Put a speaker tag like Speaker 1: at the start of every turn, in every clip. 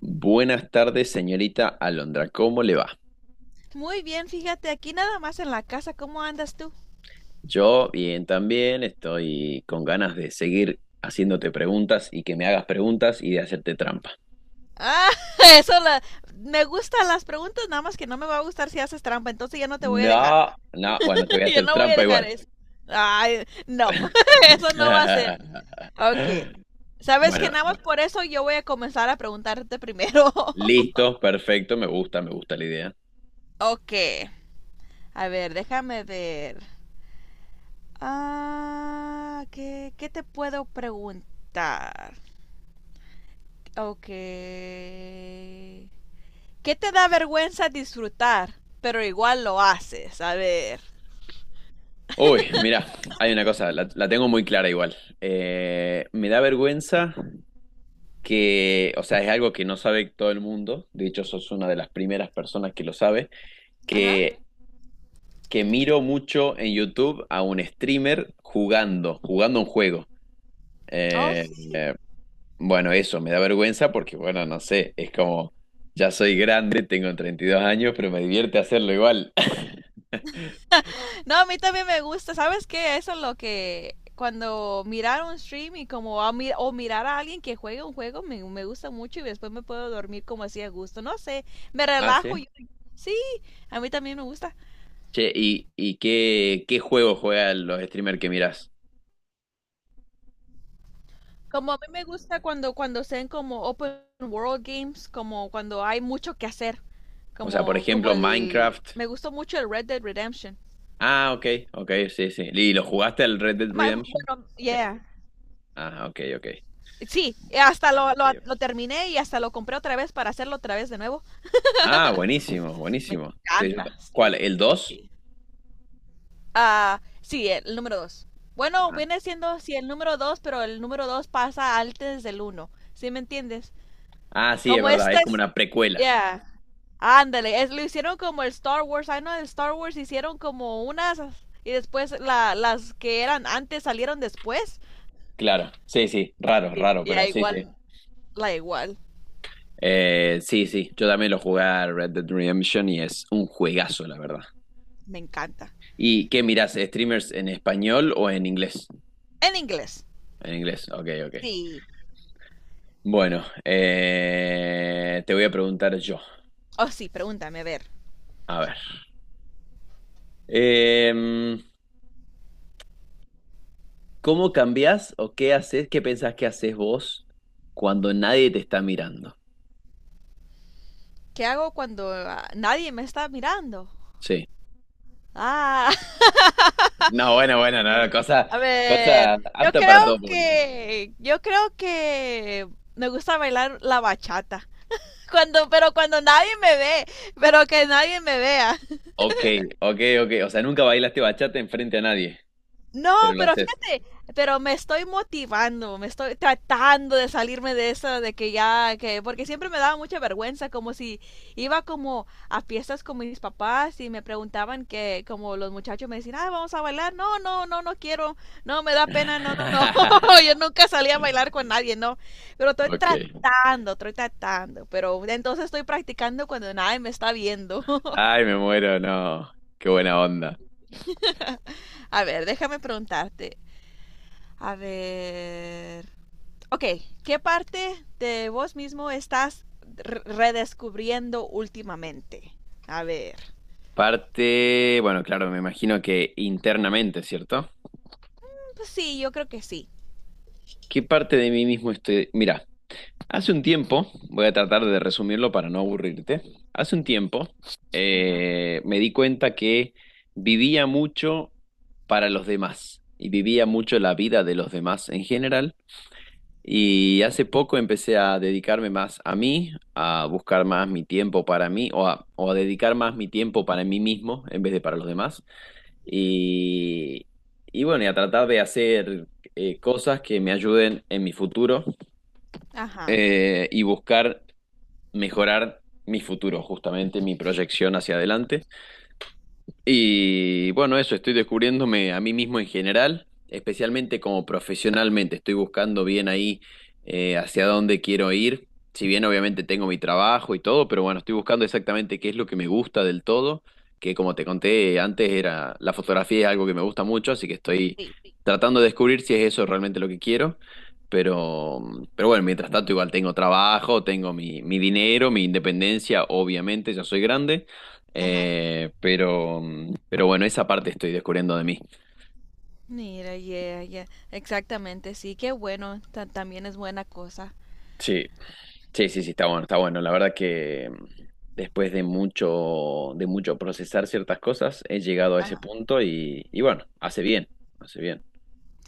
Speaker 1: Buenas tardes, señorita Alondra. ¿Cómo le va?
Speaker 2: Muy bien, fíjate, aquí nada más en la casa, ¿cómo andas tú?
Speaker 1: Yo bien también, estoy con ganas de seguir haciéndote preguntas y que me hagas preguntas y de hacerte trampa.
Speaker 2: Ah, eso la- me gustan las preguntas, nada más que no me va a gustar si haces trampa, entonces ya no te voy a dejar.
Speaker 1: No, no, bueno, te voy a
Speaker 2: Ya
Speaker 1: hacer
Speaker 2: no voy a
Speaker 1: trampa
Speaker 2: dejar
Speaker 1: igual.
Speaker 2: eso. Ay, no, eso no va a ser. Ok. Sabes que
Speaker 1: Bueno,
Speaker 2: nada más por eso yo voy a comenzar a preguntarte primero.
Speaker 1: listo, perfecto, me gusta la idea.
Speaker 2: Ok. A ver, déjame ver. Ah, ¿qué te puedo preguntar? Ok. ¿Qué te da vergüenza disfrutar? Pero igual lo haces, a ver.
Speaker 1: Uy, mira, hay una cosa, la tengo muy clara igual. Me da vergüenza que, o sea, es algo que no sabe todo el mundo, de hecho, sos una de las primeras personas que lo sabe,
Speaker 2: Ajá.
Speaker 1: que que miro mucho en YouTube a un streamer jugando un juego.
Speaker 2: Oh,
Speaker 1: Eh,
Speaker 2: sí.
Speaker 1: eh, bueno, eso me da vergüenza porque, bueno, no sé, es como, ya soy grande, tengo 32 años, pero me divierte hacerlo igual.
Speaker 2: No, a mí también me gusta. ¿Sabes qué? Eso es lo que cuando mirar un stream y como o mirar a alguien que juega un juego me gusta mucho y después me puedo dormir como así a gusto. No sé, me
Speaker 1: Ah,
Speaker 2: relajo.
Speaker 1: sí.
Speaker 2: Sí, a mí también me gusta.
Speaker 1: Che, ¿y qué juego juegan los streamers que mirás?
Speaker 2: Como a mí me gusta cuando sean como open world games, como cuando hay mucho que hacer.
Speaker 1: O sea, por
Speaker 2: Como como
Speaker 1: ejemplo,
Speaker 2: el
Speaker 1: Minecraft.
Speaker 2: Me gustó mucho el Red Dead Redemption.
Speaker 1: Ah, ok, ok, sí, sí. ¿Y lo jugaste al Red Dead Redemption?
Speaker 2: Bueno, yeah.
Speaker 1: Ah, ok, ok.
Speaker 2: Sí, hasta lo terminé y hasta lo compré otra vez para hacerlo otra vez de nuevo.
Speaker 1: Ah, buenísimo,
Speaker 2: Me
Speaker 1: buenísimo. Sí,
Speaker 2: encanta, sí.
Speaker 1: ¿Cuál? ¿El 2
Speaker 2: Ah, sí, el número dos. Bueno,
Speaker 1: Ah.
Speaker 2: viene siendo, sí, el número dos, pero el número dos pasa antes del uno. ¿Sí me entiendes?
Speaker 1: Ah, sí, es
Speaker 2: Como
Speaker 1: verdad,
Speaker 2: este
Speaker 1: es como
Speaker 2: es,
Speaker 1: una precuela.
Speaker 2: yeah. Ándale, lo hicieron como el Star Wars. Ay, no, el Star Wars hicieron como unas y después las que eran antes salieron después.
Speaker 1: Claro, sí, sí, raro,
Speaker 2: Sí,
Speaker 1: raro,
Speaker 2: y
Speaker 1: pero
Speaker 2: la
Speaker 1: sí, sí.
Speaker 2: igual, la igual.
Speaker 1: Sí, sí, yo también lo jugué a Red Dead Redemption y es un juegazo, la verdad.
Speaker 2: Me encanta.
Speaker 1: ¿Y qué mirás, streamers en español o en inglés?
Speaker 2: En inglés.
Speaker 1: En inglés, ok, ok.
Speaker 2: Sí.
Speaker 1: Bueno, te voy a preguntar yo.
Speaker 2: Oh, sí, pregúntame, a ver.
Speaker 1: A ver. Em, ¿Cómo cambiás o qué haces, qué pensás que haces vos cuando nadie te está mirando?
Speaker 2: ¿Qué hago cuando nadie me está mirando?
Speaker 1: Sí.
Speaker 2: Ah,
Speaker 1: No, bueno, bueno, no, cosa,
Speaker 2: a
Speaker 1: cosa
Speaker 2: ver. Yo
Speaker 1: apta para
Speaker 2: creo
Speaker 1: todo público.
Speaker 2: que. Yo creo que. Me gusta bailar la bachata. Cuando, pero cuando nadie me ve, pero que nadie me vea.
Speaker 1: Ok, ok, ok. O sea, nunca bailaste bachata enfrente a nadie,
Speaker 2: No,
Speaker 1: pero lo
Speaker 2: pero
Speaker 1: haces.
Speaker 2: fíjate, pero me estoy motivando, me estoy tratando de salirme de eso, de que ya, que, porque siempre me daba mucha vergüenza, como si iba como a fiestas con mis papás y me preguntaban que, como los muchachos me decían, ah, vamos a bailar, no, no, no, no quiero, no, me da pena, no, no, no, yo nunca salí a bailar con nadie, no, pero
Speaker 1: Ok.
Speaker 2: estoy tratando, pero entonces estoy practicando cuando nadie me está viendo.
Speaker 1: Ay, me muero, no. Qué buena onda.
Speaker 2: A ver, déjame preguntarte, a ver. Ok, ¿qué parte de vos mismo estás redescubriendo últimamente? A ver.
Speaker 1: Parte, bueno, claro, me imagino que internamente, ¿cierto?
Speaker 2: Pues sí, yo creo que sí.
Speaker 1: ¿Qué parte de mí mismo estoy? Mira, hace un tiempo, voy a tratar de resumirlo para no aburrirte. Hace un tiempo
Speaker 2: Ajá.
Speaker 1: me di cuenta que vivía mucho para los demás y vivía mucho la vida de los demás en general. Y hace poco empecé a dedicarme más a mí, a buscar más mi tiempo para mí o a dedicar más mi tiempo para mí mismo en vez de para los demás. Y, y bueno, y a tratar de hacer cosas que me ayuden en mi futuro
Speaker 2: Ajá.
Speaker 1: y buscar mejorar mi futuro, justamente mi proyección hacia adelante. Y bueno, eso, estoy descubriéndome a mí mismo en general, especialmente como profesionalmente. Estoy buscando bien ahí hacia dónde quiero ir. Si bien obviamente tengo mi trabajo y todo, pero bueno, estoy buscando exactamente qué es lo que me gusta del todo, que como te conté antes era la fotografía es algo que me gusta mucho, así que estoy
Speaker 2: Sí.
Speaker 1: tratando de descubrir si es eso realmente lo que quiero. Pero, pero bueno, mientras tanto igual tengo trabajo, tengo mi dinero, mi independencia, obviamente ya soy grande.
Speaker 2: Ajá.
Speaker 1: Pero bueno, esa parte estoy descubriendo de mí.
Speaker 2: Mira, yeah, yeah. Exactamente, sí, qué bueno. También es buena cosa.
Speaker 1: Sí, sí, sí, sí, está bueno, está bueno. La verdad que después de mucho procesar ciertas cosas, he llegado a ese
Speaker 2: Ajá.
Speaker 1: punto y bueno, hace bien, hace bien.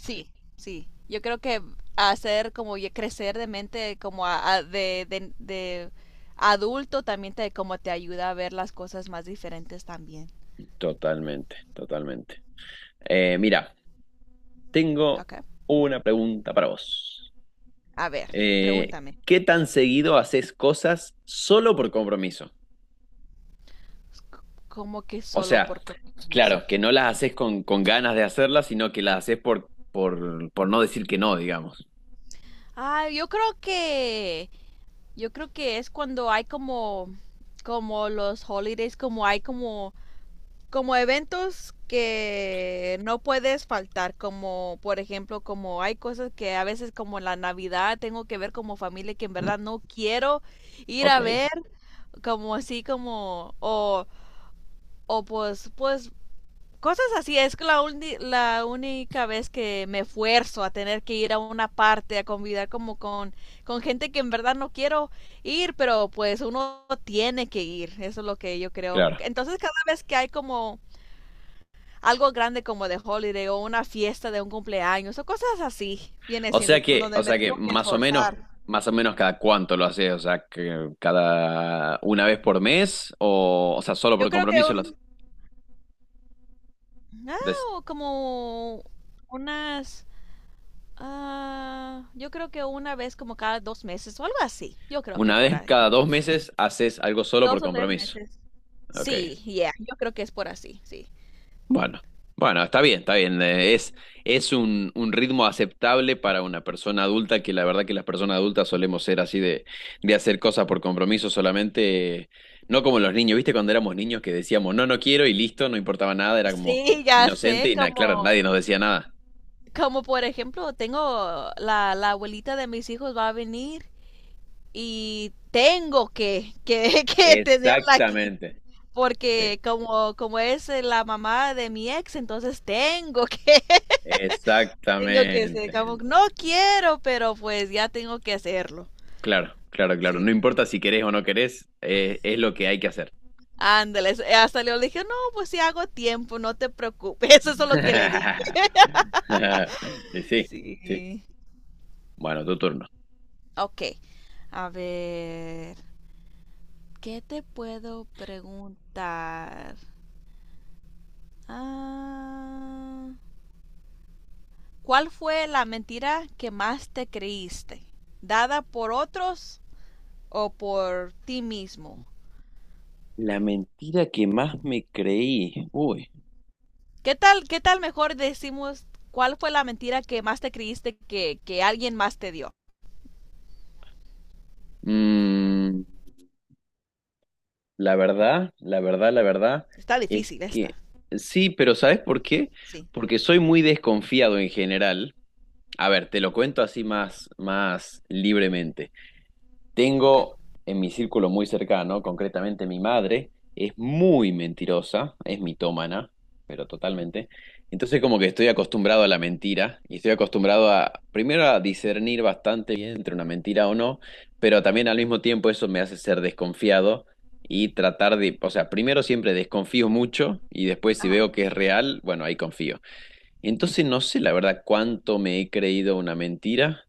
Speaker 2: Sí, sí. Yo creo que hacer como ya crecer de mente, como de adulto, también te, como te ayuda a ver las cosas más diferentes también.
Speaker 1: Totalmente, totalmente. Mira, tengo
Speaker 2: Ok.
Speaker 1: una pregunta para vos.
Speaker 2: A ver,
Speaker 1: Eh,
Speaker 2: pregúntame.
Speaker 1: ¿Qué tan seguido haces cosas solo por compromiso?
Speaker 2: Como que
Speaker 1: O
Speaker 2: solo
Speaker 1: sea,
Speaker 2: por compromiso.
Speaker 1: claro, que no las haces con ganas de hacerlas, sino que las haces por no decir que no, digamos.
Speaker 2: Ah, yo creo que. Yo creo que es cuando hay como. Como los holidays, como hay como. Como eventos que no puedes faltar, como por ejemplo, como hay cosas que a veces como la Navidad tengo que ver como familia que en verdad no quiero ir
Speaker 1: Ok,
Speaker 2: a ver, como así como, o pues cosas así, es que la única vez que me esfuerzo a tener que ir a una parte, a convidar como con, gente que en verdad no quiero ir, pero pues uno tiene que ir, eso es lo que yo creo.
Speaker 1: claro.
Speaker 2: Entonces cada vez que hay como algo grande como de holiday o una fiesta de un cumpleaños o cosas así, viene
Speaker 1: O sea
Speaker 2: siendo
Speaker 1: que, o
Speaker 2: donde me
Speaker 1: sea que
Speaker 2: tengo que
Speaker 1: más o menos,
Speaker 2: esforzar.
Speaker 1: más o menos cada cuánto lo haces, o sea, que cada una vez por mes, o sea, solo
Speaker 2: Yo
Speaker 1: por
Speaker 2: creo que
Speaker 1: compromiso lo haces.
Speaker 2: un, ah,
Speaker 1: Des-
Speaker 2: o como unas... Ah, yo creo que una vez como cada 2 meses o algo así. Yo creo que
Speaker 1: Una
Speaker 2: por
Speaker 1: vez
Speaker 2: ahí.
Speaker 1: cada 2 meses haces algo solo por
Speaker 2: Dos o tres
Speaker 1: compromiso.
Speaker 2: meses.
Speaker 1: Ok.
Speaker 2: Sí, ya yo creo que es por así, sí.
Speaker 1: Bueno, bueno, está bien, está bien. Es un ritmo aceptable para una persona adulta, que la verdad que las personas adultas solemos ser así de hacer cosas por compromiso solamente, no como los niños, ¿viste? Cuando éramos niños que decíamos, no, no quiero y listo, no importaba nada, era como
Speaker 2: Sí, ya
Speaker 1: inocente
Speaker 2: sé,
Speaker 1: y claro,
Speaker 2: como,
Speaker 1: nadie nos decía nada.
Speaker 2: como por ejemplo, tengo la abuelita de mis hijos va a venir y tengo que que tenerla aquí.
Speaker 1: Exactamente, sí,
Speaker 2: Porque como es la mamá de mi ex, entonces tengo que, tengo que ser,
Speaker 1: exactamente.
Speaker 2: como, no quiero, pero pues ya tengo que hacerlo.
Speaker 1: Claro, claro, claro. No
Speaker 2: Sí.
Speaker 1: importa si querés o no querés, es lo que hay que hacer.
Speaker 2: Ándale, hasta le dije, no, pues si hago tiempo, no te preocupes, eso es lo que le dije.
Speaker 1: Y sí, sí.
Speaker 2: Sí.
Speaker 1: Bueno, tu turno.
Speaker 2: Ok, a ver, ¿qué te puedo preguntar? Ah, ¿cuál fue la mentira que más te creíste? ¿Dada por otros o por ti mismo?
Speaker 1: La mentira que más me creí. Uy.
Speaker 2: ¿Qué tal mejor decimos cuál fue la mentira que más te creíste que alguien más te dio?
Speaker 1: Mm, la verdad
Speaker 2: Está
Speaker 1: es
Speaker 2: difícil esta.
Speaker 1: que sí, pero ¿sabes por qué?
Speaker 2: Sí.
Speaker 1: Porque soy muy desconfiado en general. A ver, te lo cuento así más libremente.
Speaker 2: Ok.
Speaker 1: Tengo en mi círculo muy cercano, concretamente mi madre, es muy mentirosa, es mitómana, pero totalmente. Entonces como que estoy acostumbrado a la mentira y estoy acostumbrado a, primero a discernir bastante bien entre una mentira o no, pero también al mismo tiempo eso me hace ser desconfiado y tratar de, o sea, primero siempre desconfío mucho y después si
Speaker 2: Ajá.
Speaker 1: veo que es real, bueno, ahí confío. Entonces no sé la verdad cuánto me he creído una mentira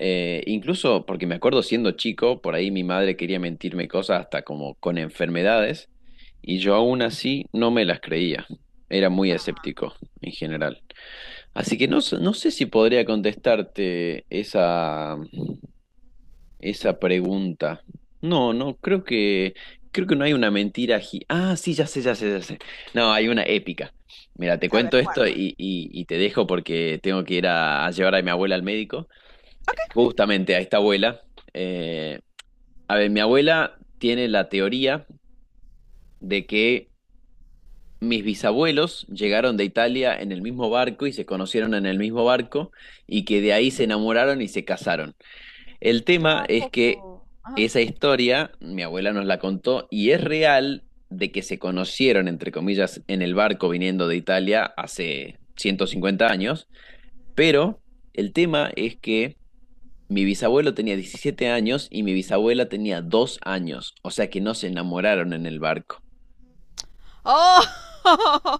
Speaker 1: incluso porque me acuerdo siendo chico, por ahí mi madre quería mentirme cosas hasta como con enfermedades, y yo aún así no me las creía. Era muy escéptico en general. Así que no, no sé si podría contestarte esa pregunta. No, no, creo que, no hay una mentira. Ah, sí, ya sé, ya sé, ya sé. No, hay una épica. Mira, te
Speaker 2: A ver,
Speaker 1: cuento
Speaker 2: ¿cuál?
Speaker 1: esto y te dejo porque tengo que ir a llevar a mi abuela al médico justamente a esta abuela. Eh, a ver, mi abuela tiene la teoría de que mis bisabuelos llegaron de Italia en el mismo barco y se conocieron en el mismo barco y que de ahí se enamoraron y se casaron. El tema
Speaker 2: A
Speaker 1: es que
Speaker 2: poco. Ajá.
Speaker 1: esa historia, mi abuela nos la contó y es real de que se conocieron, entre comillas, en el barco viniendo de Italia hace 150 años, pero el tema es que mi bisabuelo tenía 17 años y mi bisabuela tenía 2 años, o sea que no se enamoraron en el barco.
Speaker 2: ¡Oh!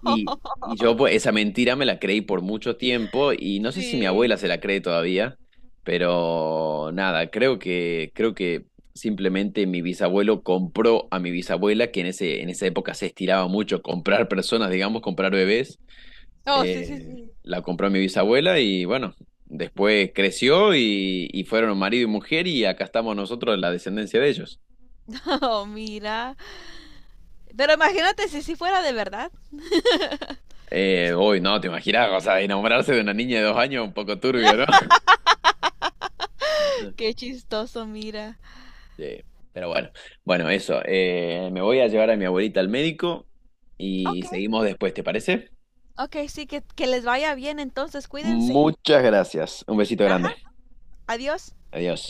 Speaker 1: Y, y yo pues, esa mentira me la creí por mucho tiempo y no sé si mi abuela
Speaker 2: Sí.
Speaker 1: se la cree todavía, pero nada, creo que, simplemente mi bisabuelo compró a mi bisabuela, que en esa época se estiraba mucho comprar personas, digamos, comprar bebés.
Speaker 2: Oh, sí, sí,
Speaker 1: Eh,
Speaker 2: sí.
Speaker 1: la compró mi bisabuela y bueno, después creció y fueron marido y mujer y acá estamos nosotros, la descendencia de ellos.
Speaker 2: Oh, mira. Pero imagínate si sí fuera de verdad.
Speaker 1: Uy, no, te imaginas, o sea, enamorarse de una niña de 2 años, un poco turbio, ¿no?
Speaker 2: Qué chistoso, mira.
Speaker 1: Sí, pero bueno, bueno, eso. Me voy a llevar a mi abuelita al médico y
Speaker 2: Ok.
Speaker 1: seguimos después, ¿te parece?
Speaker 2: Ok, sí, que les vaya bien entonces, cuídense.
Speaker 1: Muchas gracias. Un besito
Speaker 2: Ajá.
Speaker 1: grande.
Speaker 2: Adiós.
Speaker 1: Adiós.